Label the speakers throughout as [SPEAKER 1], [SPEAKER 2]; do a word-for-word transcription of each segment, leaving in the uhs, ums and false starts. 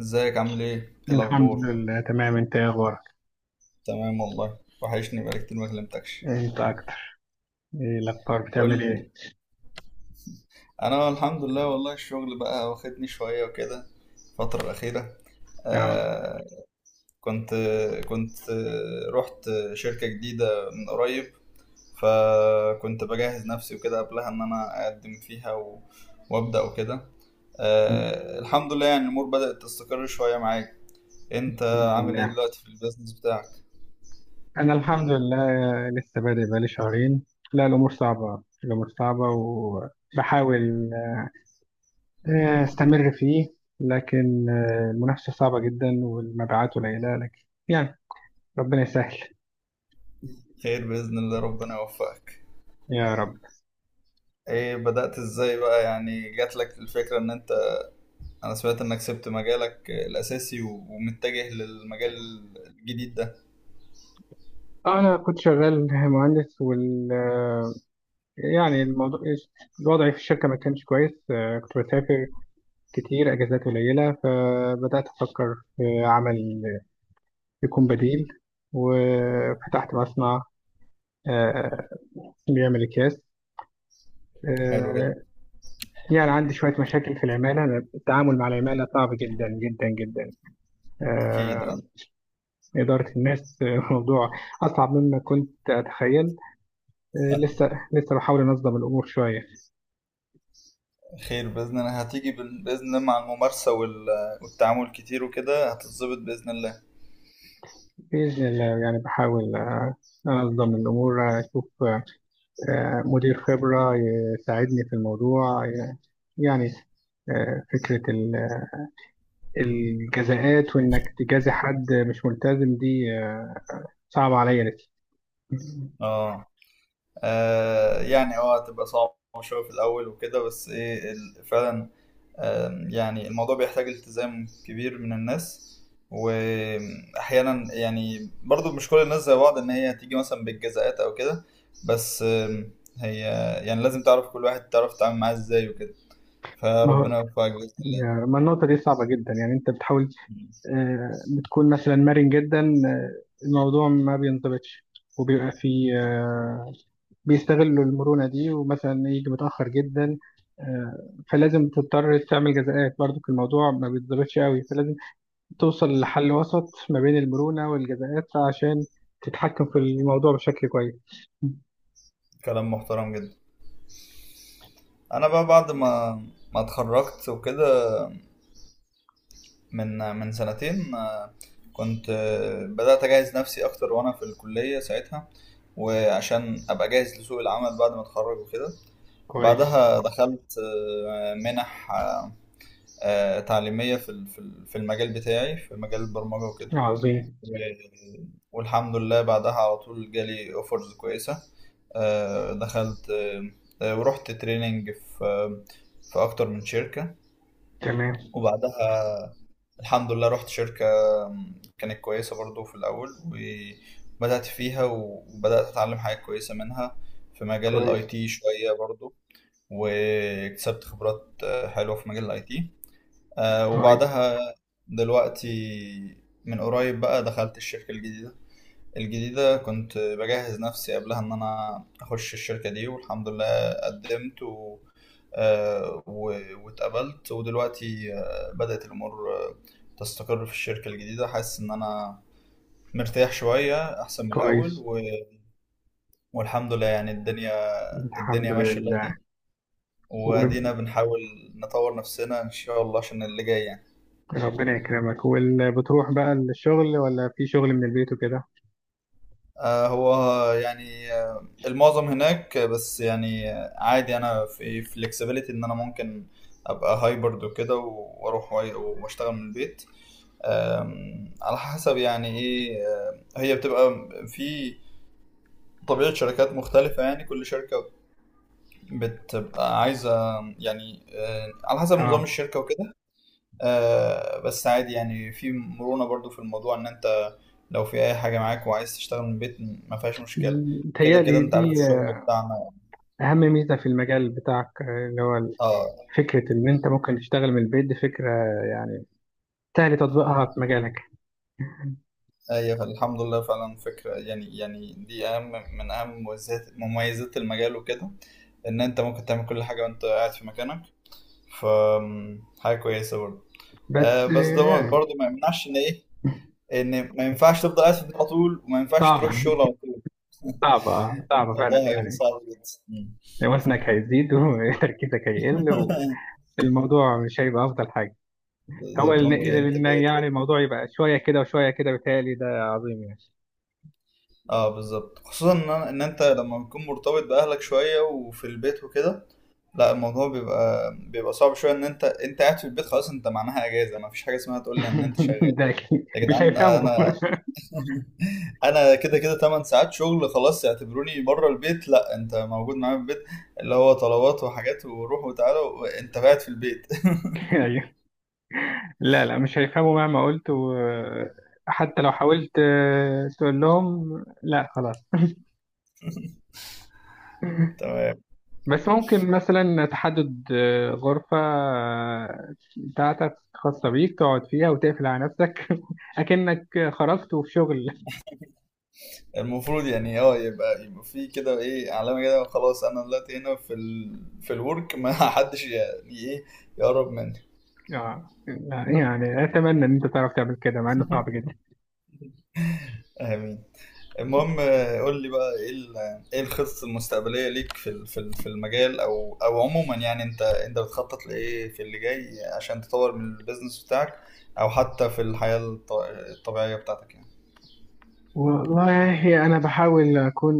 [SPEAKER 1] ازيك عامل ايه؟ ايه
[SPEAKER 2] الحمد
[SPEAKER 1] الاخبار؟
[SPEAKER 2] لله، تمام. انت ايه اخبارك؟
[SPEAKER 1] تمام والله وحشني بقالي كتير ما كلمتكش.
[SPEAKER 2] انت اكتر. ايه الاخبار؟ بتعمل
[SPEAKER 1] قول لي.
[SPEAKER 2] ايه؟
[SPEAKER 1] انا الحمد لله والله الشغل بقى واخدني شويه وكده الفتره الاخيره.
[SPEAKER 2] اه.
[SPEAKER 1] آه. كنت كنت آه، رحت شركه جديده من قريب، فكنت بجهز نفسي وكده قبلها ان انا اقدم فيها و... وابدا وكده. آه، الحمد لله، يعني الامور بدات تستقر شويه معاك. انت
[SPEAKER 2] الحمد
[SPEAKER 1] عامل ايه
[SPEAKER 2] لله.
[SPEAKER 1] دلوقتي في البيزنس بتاعك؟
[SPEAKER 2] انا الحمد لله. لسه بادئ بقالي شهرين. لا، الامور صعبة. الامور صعبة وبحاول آه، استمر فيه. لكن آه، المنافسة صعبة جدا والمبيعات قليلة، لكن يعني ربنا يسهل.
[SPEAKER 1] خير باذن الله، ربنا يوفقك.
[SPEAKER 2] يا رب.
[SPEAKER 1] ايه بدأت ازاي بقى؟ يعني جات لك الفكرة ان انت، انا سمعت انك سبت مجالك الاساسي و- ومتجه للمجال الجديد ده.
[SPEAKER 2] انا كنت شغال مهندس وال آه، يعني الموضوع الوضع في الشركة ما كانش كويس. آه، كنت بسافر كتير، أجازات قليلة، فبدأت أفكر في عمل يكون بديل. وفتحت مصنع آه، بيعمل أكياس.
[SPEAKER 1] حلو جدا.
[SPEAKER 2] آه، يعني عندي شوية مشاكل في العمالة. أنا التعامل مع العمالة صعب جدا جدا جدا.
[SPEAKER 1] اكيد،
[SPEAKER 2] آه،
[SPEAKER 1] اه.
[SPEAKER 2] إدارة الناس موضوع أصعب مما كنت أتخيل. آه، لسه لسه بحاول أنظم الأمور شوية.
[SPEAKER 1] خير باذن الله، هتيجي بال- باذن الله، مع الممارسة وال- والتعامل كتير وكده هتتظبط باذن الله.
[SPEAKER 2] بإذن الله، يعني بحاول آه، أنظم الأمور، أشوف آه، آه، مدير خبرة يساعدني في الموضوع، آه، يعني آه، فكرة ال- الجزاءات، وإنك تجازي حد مش ملتزم دي آه، صعبة عليا نفسي.
[SPEAKER 1] اه. آه، يعني اه، هتبقى صعبة شوية في الأول وكده، بس ايه ال- فعلا. آم، يعني الموضوع بيحتاج التزام كبير من الناس، وأحيانا يعني برضو مش كل الناس زي بعض، إن هي هتيجي مثلا بالجزاءات أو كده. بس آم، هي، يعني لازم تعرف كل واحد تعرف تتعامل معاه إزاي وكده.
[SPEAKER 2] ما هو
[SPEAKER 1] فربنا يوفقك بإذن الله.
[SPEAKER 2] يعني، ما النقطة دي صعبة جدا. يعني أنت بتحاول
[SPEAKER 1] مم.
[SPEAKER 2] آه، بتكون مثلا مرن جدا، آه، الموضوع ما بينضبطش. وبيبقى في آه، بيستغلوا المرونة دي، ومثلا يجي متأخر جدا. آه، فلازم تضطر تعمل جزاءات. برضو الموضوع ما بيتظبطش قوي، فلازم توصل لحل وسط ما بين المرونة والجزاءات، عشان تتحكم في الموضوع بشكل كويس.
[SPEAKER 1] كلام محترم جدا. أنا بقى بعد ما ما اتخرجت وكده، من من سنتين، آه، كنت آه، بدأت أجهز نفسي أكتر وأنا في الكلية ساعتها، وعشان أبقى جاهز لسوق العمل بعد ما أتخرج وكده.
[SPEAKER 2] كويس.
[SPEAKER 1] بعدها دخلت آه، منح، آه، آه، تعليمية في ال- في ال- في المجال بتاعي، في مجال البرمجة وكده.
[SPEAKER 2] عظيم.
[SPEAKER 1] و- والحمد لله بعدها على طول جالي أوفرز كويسة. آه، دخلت، آه، آه، ورحت تريننج في آه، في أكتر من شركة.
[SPEAKER 2] تمام.
[SPEAKER 1] وبعدها الحمد لله رحت شركة كانت كويسة برضو في الأول، وبدأت فيها وبدأت أتعلم حاجات كويسة منها في مجال الاي
[SPEAKER 2] كويس.
[SPEAKER 1] تي شوية برضو. واكتسبت خبرات آه، حلوة في مجال الاي تي.
[SPEAKER 2] كويس.
[SPEAKER 1] وبعدها دلوقتي من قريب بقى دخلت الشركة الجديدة. الجديدة كنت بجهز نفسي قبلها إن أنا أخش الشركة دي، والحمد لله قدمت و... آه، و- واتقبلت. ودلوقتي آه، بدأت الأمور آه، تستقر في الشركة الجديدة. حاسس إن أنا مرتاح شوية أحسن من الأول
[SPEAKER 2] كويس.
[SPEAKER 1] و... والحمد لله، يعني الدنيا
[SPEAKER 2] الحمد
[SPEAKER 1] الدنيا ماشية دلوقتي،
[SPEAKER 2] لله.
[SPEAKER 1] وأدينا بنحاول نطور نفسنا إن شاء الله عشان اللي جاي يعني.
[SPEAKER 2] وربنا يكرمك. وبتروح بقى الشغل، ولا في شغل من البيت وكده؟
[SPEAKER 1] آه، هو يعني آه، المعظم هناك، آه، بس يعني آه، عادي، انا في فليكسيبيليتي ان انا ممكن ابقى هايبرد وكده و- واروح وأي- واشتغل من البيت. آم، على حسب يعني ايه، آه، هي بتبقى في طبيعة شركات مختلفة، يعني كل شركة بتبقى عايزة يعني آه، على حسب نظام
[SPEAKER 2] اه.
[SPEAKER 1] الشركة وكده. آه، بس عادي يعني، في مرونة برضو في الموضوع، ان انت لو في اي حاجة معاك وعايز تشتغل من البيت ما فيهاش مشكلة. كده كده
[SPEAKER 2] متهيألي
[SPEAKER 1] انت عارف
[SPEAKER 2] دي
[SPEAKER 1] الشغل بتاعنا.
[SPEAKER 2] أهم ميزة في المجال بتاعك، آه، اللي هو
[SPEAKER 1] اه.
[SPEAKER 2] فكرة إن أنت ممكن تشتغل من البيت. دي فكرة، يعني، سهل تطبيقها في مجالك.
[SPEAKER 1] ايوه الحمد لله، فعلا فكرة يعني يعني دي اهم من اهم مميزات مميزات المجال وكده، ان انت ممكن تعمل كل حاجة وانت قاعد في مكانك. ف حاجة كويسة برضو. آه
[SPEAKER 2] بس آه،
[SPEAKER 1] بس ده
[SPEAKER 2] يعني
[SPEAKER 1] برضو ما يمنعش ان ايه، ان ما ينفعش تفضل قاعد في البيت على طول، وما ينفعش تروح
[SPEAKER 2] صعبة.
[SPEAKER 1] الشغل على طول
[SPEAKER 2] صعبة آه، صعبة فعلا
[SPEAKER 1] الموضوع هيبقى
[SPEAKER 2] يعني.
[SPEAKER 1] صعب جدا.
[SPEAKER 2] وزنك هيزيد وتركيزك هيقل، والموضوع مش هيبقى أفضل حاجة. هو
[SPEAKER 1] بالظبط،
[SPEAKER 2] إن
[SPEAKER 1] ممكن
[SPEAKER 2] إن
[SPEAKER 1] انتاجية
[SPEAKER 2] يعني
[SPEAKER 1] تقل.
[SPEAKER 2] الموضوع يبقى شوية كده وشوية كده، بيتهيألي ده عظيم يعني.
[SPEAKER 1] اه بالظبط، خصوصا ان أنا- ان انت لما بتكون مرتبط باهلك شويه وفي البيت وكده، لا الموضوع بيبقى بيبقى صعب شويه. ان انت، انت قاعد في البيت خلاص، انت معناها اجازه، ما فيش حاجه اسمها تقول لي ان انت شغال.
[SPEAKER 2] ده أكيد
[SPEAKER 1] يا
[SPEAKER 2] مش
[SPEAKER 1] جدعان
[SPEAKER 2] هيفهموا.
[SPEAKER 1] انا انا كده كده 8 ساعات شغل خلاص، اعتبروني بره البيت. لا انت موجود معايا في البيت، اللي هو طلبات وحاجات وروح وتعالى وانت قاعد في البيت.
[SPEAKER 2] أيوه، لا، لا مش هيفهموا مهما قلت، و- حتى لو حاولت آه، تقول لهم. لا خلاص.
[SPEAKER 1] تمام.
[SPEAKER 2] بس ممكن مثلا تحدد آه، غرفة آه، بتاعتك خاصة بيك، تقعد فيها وتقفل على نفسك أكنك خرجت وفي شغل.
[SPEAKER 1] المفروض يعني اه، يبقى يبقى في كده ايه، علامة كده، خلاص انا دلوقتي هنا في ال... في الورك، ما حدش يعني ايه يقرب مني.
[SPEAKER 2] آه لا، يعني أتمنى إن أنت تعرف تعمل كده، مع إنه صعب جدا.
[SPEAKER 1] امين. المهم آه، قول لي بقى، ايه ال... ايه الخطط المستقبلية ليك في ال- في ال- في المجال، او او عموما، يعني انت، انت بتخطط لايه في اللي جاي عشان تطور من البيزنس بتاعك، او حتى في الحياة الط... الطبيعية بتاعتك يعني.
[SPEAKER 2] والله أنا بحاول أكون،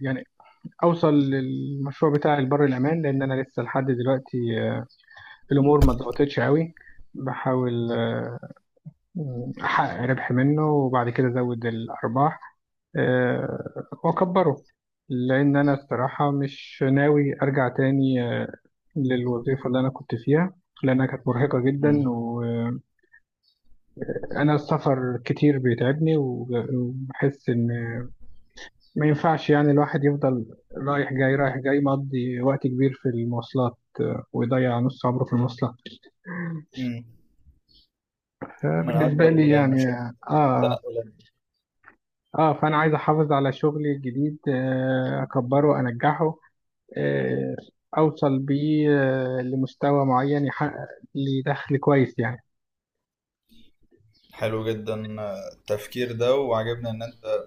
[SPEAKER 2] يعني، أوصل للمشروع بتاعي لبر الأمان، لأن أنا لسه لحد دلوقتي آه، الأمور ما ضغطتش قوي. بحاول آه، أحقق ربح منه وبعد كده أزود الأرباح، آه، وأكبره. لأن أنا الصراحة مش ناوي أرجع تاني آه، للوظيفة اللي أنا كنت فيها، لأنها كانت مرهقة جدا.
[SPEAKER 1] مم.
[SPEAKER 2] أنا السفر كتير بيتعبني، وب- وبحس إن ما ينفعش، يعني الواحد يفضل رايح جاي رايح جاي، مقضي وقت كبير في المواصلات، ويضيع نص عمره في المواصلات
[SPEAKER 1] مم. من
[SPEAKER 2] بالنسبة
[SPEAKER 1] اكبر
[SPEAKER 2] لي يعني.
[SPEAKER 1] المشاكل
[SPEAKER 2] آه،
[SPEAKER 1] التنقلات.
[SPEAKER 2] آه، فأنا عايز أحافظ على شغلي الجديد، آه أكبره، أنجحه، آه أوصل بيه آه لمستوى معين، يحقق لي دخل كويس يعني.
[SPEAKER 1] حلو جدا آه، التفكير ده، وعجبني ان انت،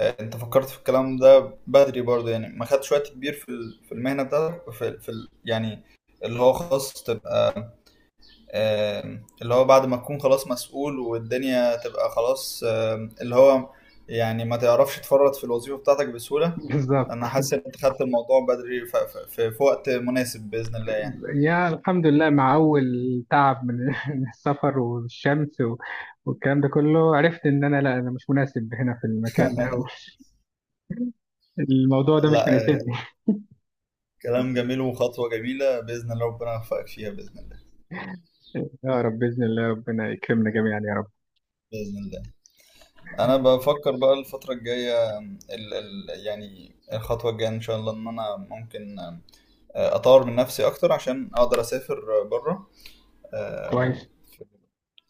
[SPEAKER 1] انت فكرت في الكلام ده بدري برضه، يعني ما خدتش وقت كبير في ال- في المهنه بتاعتك، في, في ال- يعني اللي هو خلاص تبقى، آم، اللي هو بعد ما تكون خلاص مسؤول والدنيا تبقى خلاص، آم، اللي هو يعني ما تعرفش تفرط في الوظيفه بتاعتك بسهوله. انا
[SPEAKER 2] بالظبط.
[SPEAKER 1] حاسس ان انت خدت الموضوع بدري، ف- ف- في, في وقت مناسب باذن الله يعني.
[SPEAKER 2] يا الحمد لله، مع أول تعب من من السفر والشمس و- والكلام ده كله، عرفت إن أنا، لا، أنا مش مناسب هنا في المكان ده، و- الموضوع ده مش
[SPEAKER 1] لا آه،
[SPEAKER 2] مناسبني.
[SPEAKER 1] كلام جميل وخطوه جميله باذن الله، ربنا يوفقك فيها باذن الله.
[SPEAKER 2] يا رب بإذن الله، ربنا يكرمنا جميعا يا رب.
[SPEAKER 1] باذن الله. انا بفكر بقى الفتره الجايه، ال ال يعني الخطوه الجايه ان شاء الله ان انا ممكن آه، اطور من نفسي اكتر عشان اقدر اسافر بره.
[SPEAKER 2] كويس.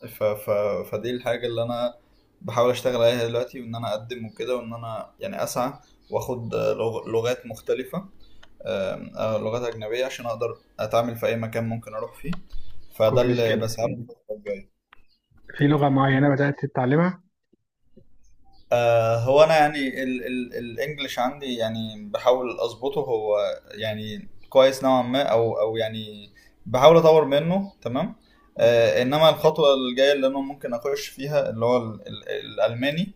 [SPEAKER 1] ف ف فدي الحاجه اللي انا بحاول اشتغل عليها دلوقتي، وان انا اقدم وكده، وان انا يعني اسعى، واخد آه، لغ- لغات مختلفه، آم، آه، لغات اجنبيه عشان اقدر اتعامل في اي مكان ممكن اروح فيه. فده
[SPEAKER 2] كويس
[SPEAKER 1] اللي
[SPEAKER 2] كده.
[SPEAKER 1] بسعى له الفتره الجايه.
[SPEAKER 2] في لغة معينة بدأت تتعلمها؟
[SPEAKER 1] آه هو انا يعني ال- ال- الانجليش عندي، يعني بحاول اظبطه، هو يعني كويس نوعا ما، او او يعني بحاول اطور منه، تمام. آه انما الخطوه الجايه اللي انا ممكن اخش فيها اللي هو ال- ال- الالماني.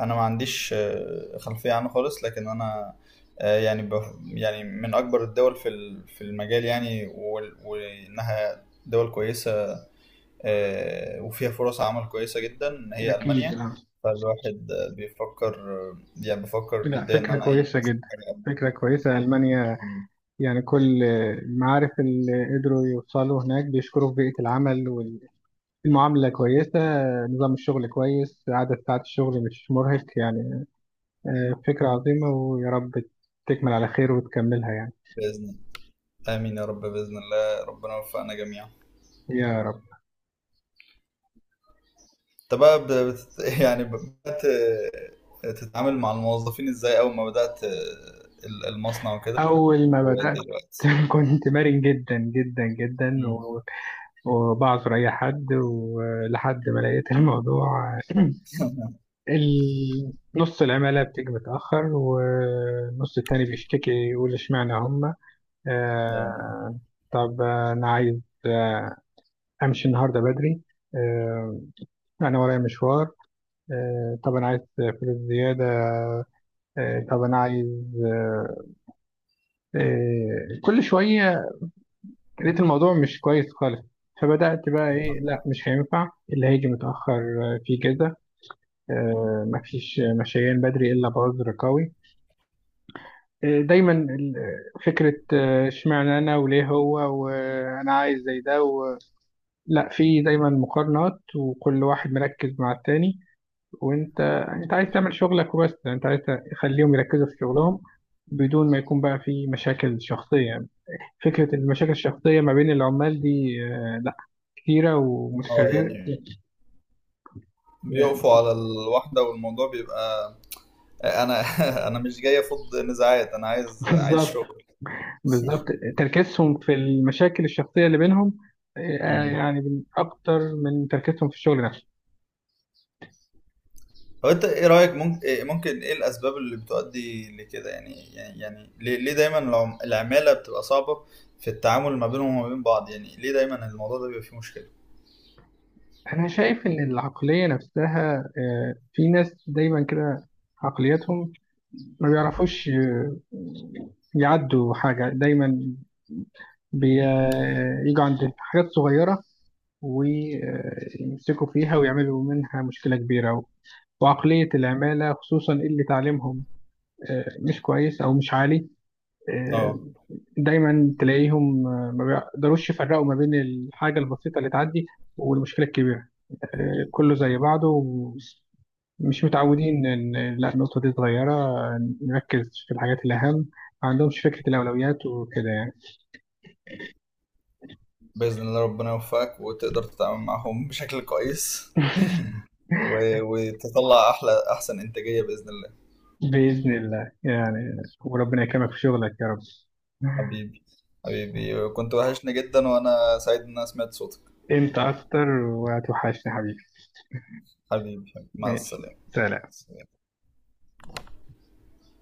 [SPEAKER 1] انا ما عنديش آه، خلفيه عنه خالص، لكن انا آه، يعني بف- يعني من اكبر الدول في ال- في المجال يعني، وال- وانها دول كويسه آه، وفيها فرص عمل كويسة جدا، هي
[SPEAKER 2] أكيد
[SPEAKER 1] ألمانيا.
[SPEAKER 2] لا.
[SPEAKER 1] فالواحد آه، بيفكر آه، يعني بفكر
[SPEAKER 2] لا،
[SPEAKER 1] جديا إن
[SPEAKER 2] فكرة
[SPEAKER 1] أنا إيه
[SPEAKER 2] كويسة
[SPEAKER 1] أشوف
[SPEAKER 2] جدا.
[SPEAKER 1] حاجة ألمانيا.
[SPEAKER 2] فكرة كويسة ألمانيا. يعني كل المعارف اللي قدروا يوصلوا هناك بيشكروا في بيئة العمل. المعاملة كويسة، نظام الشغل كويس، عدد ساعات الشغل مش مرهق يعني. آه، فكرة عظيمة، ويا رب تكمل على خير وتكملها يعني.
[SPEAKER 1] بإذن، آمين يا رب، بإذن الله ربنا يوفقنا جميعا.
[SPEAKER 2] يا رب.
[SPEAKER 1] أنت بقى ب- بت... يعني بدأت آه، تتعامل مع الموظفين إزاي أول ما بدأت آه، ال- المصنع وكده
[SPEAKER 2] أول ما بدأت
[SPEAKER 1] ودلوقتي؟
[SPEAKER 2] كنت مرن جدا جدا جدا،
[SPEAKER 1] مم.
[SPEAKER 2] و- وبعذر أي حد، ولحد ما لقيت الموضوع ال- نص العمالة بتيجي متأخر والنص التاني بيشتكي، يقول اشمعنى هما.
[SPEAKER 1] اه.
[SPEAKER 2] آه، طب أنا عايز آه، أمشي النهاردة بدري. آه، أنا ورايا مشوار. آه، طب أنا عايز فلوس زيادة. آه، طب أنا عايز آه، آه، كل شوية. لقيت الموضوع مش كويس خالص. فبدأت بقى
[SPEAKER 1] اه.
[SPEAKER 2] إيه، لا مش هينفع اللي هيجي متأخر آه، في كذا. آه، مفيش مشيان بدري إلا بعذر قوي. آه، دايما ال- آه، فكرة آه، اشمعنى أنا وليه هو، وأنا عايز زي ده و... لا، في دايما مقارنات، وكل واحد مركز مع التاني. وانت انت عايز تعمل شغلك وبس. يعني انت عايز تخليهم يركزوا في شغلهم، بدون ما يكون بقى في مشاكل شخصية يعني. فكرة المشاكل الشخصية ما بين العمال دي آه، لا، كتيرة
[SPEAKER 1] آه،
[SPEAKER 2] ومتكررة
[SPEAKER 1] يعني
[SPEAKER 2] يعني.
[SPEAKER 1] بيقفوا على الواحدة والموضوع بيبقى، انا انا مش جاي افض نزاعات، انا عايز، عايز
[SPEAKER 2] بالظبط.
[SPEAKER 1] شغل.
[SPEAKER 2] بالظبط. تركيزهم في المشاكل الشخصية اللي بينهم آه،
[SPEAKER 1] مم.
[SPEAKER 2] يعني، من أكتر من تركيزهم في الشغل نفسه.
[SPEAKER 1] هو انت ايه رايك؟ ممكن إيه- ممكن ايه الاسباب اللي بتؤدي لكده؟ يعني، يعني يعني ليه، ليه دايما العم- العماله بتبقى صعبه في التعامل ما بينهم وما بين بعض؟ يعني ليه دايما الموضوع ده بيبقى فيه مشكله؟
[SPEAKER 2] أنا شايف إن العقلية نفسها آه، في ناس دايما كده، عقليتهم ما بيعرفوش آه، يعدوا حاجة. دايما بييجوا عند حاجات صغيرة، ويمسكوا فيها، ويعملوا منها مشكلة كبيرة. وعقلية العمالة خصوصا اللي تعليمهم آه، مش كويس أو مش عالي، آه،
[SPEAKER 1] اه.
[SPEAKER 2] دايما تلاقيهم آه، ما بيقدروش يفرقوا ما بين الحاجة البسيطة اللي تعدي والمشكلة الكبيرة. آه، كله زي بعضه. مش متعودين إن، لا، النقطة دي صغيرة، نركز في الحاجات الأهم. ما عندهمش فكرة الأولويات وكده يعني.
[SPEAKER 1] باذن الله ربنا يوفقك وتقدر تتعامل معهم بشكل كويس، و- وتطلع احلى، احسن انتاجيه باذن الله.
[SPEAKER 2] بإذن الله يعني. وربنا يكرمك في شغلك يا رب.
[SPEAKER 1] حبيبي. حبيبي، كنت وحشني جدا وانا سعيد ان انا سمعت صوتك.
[SPEAKER 2] أنت أكتر، وهتوحشني حبيبي.
[SPEAKER 1] حبيبي حبيبي. مع
[SPEAKER 2] ماشي،
[SPEAKER 1] السلامه.
[SPEAKER 2] سلام.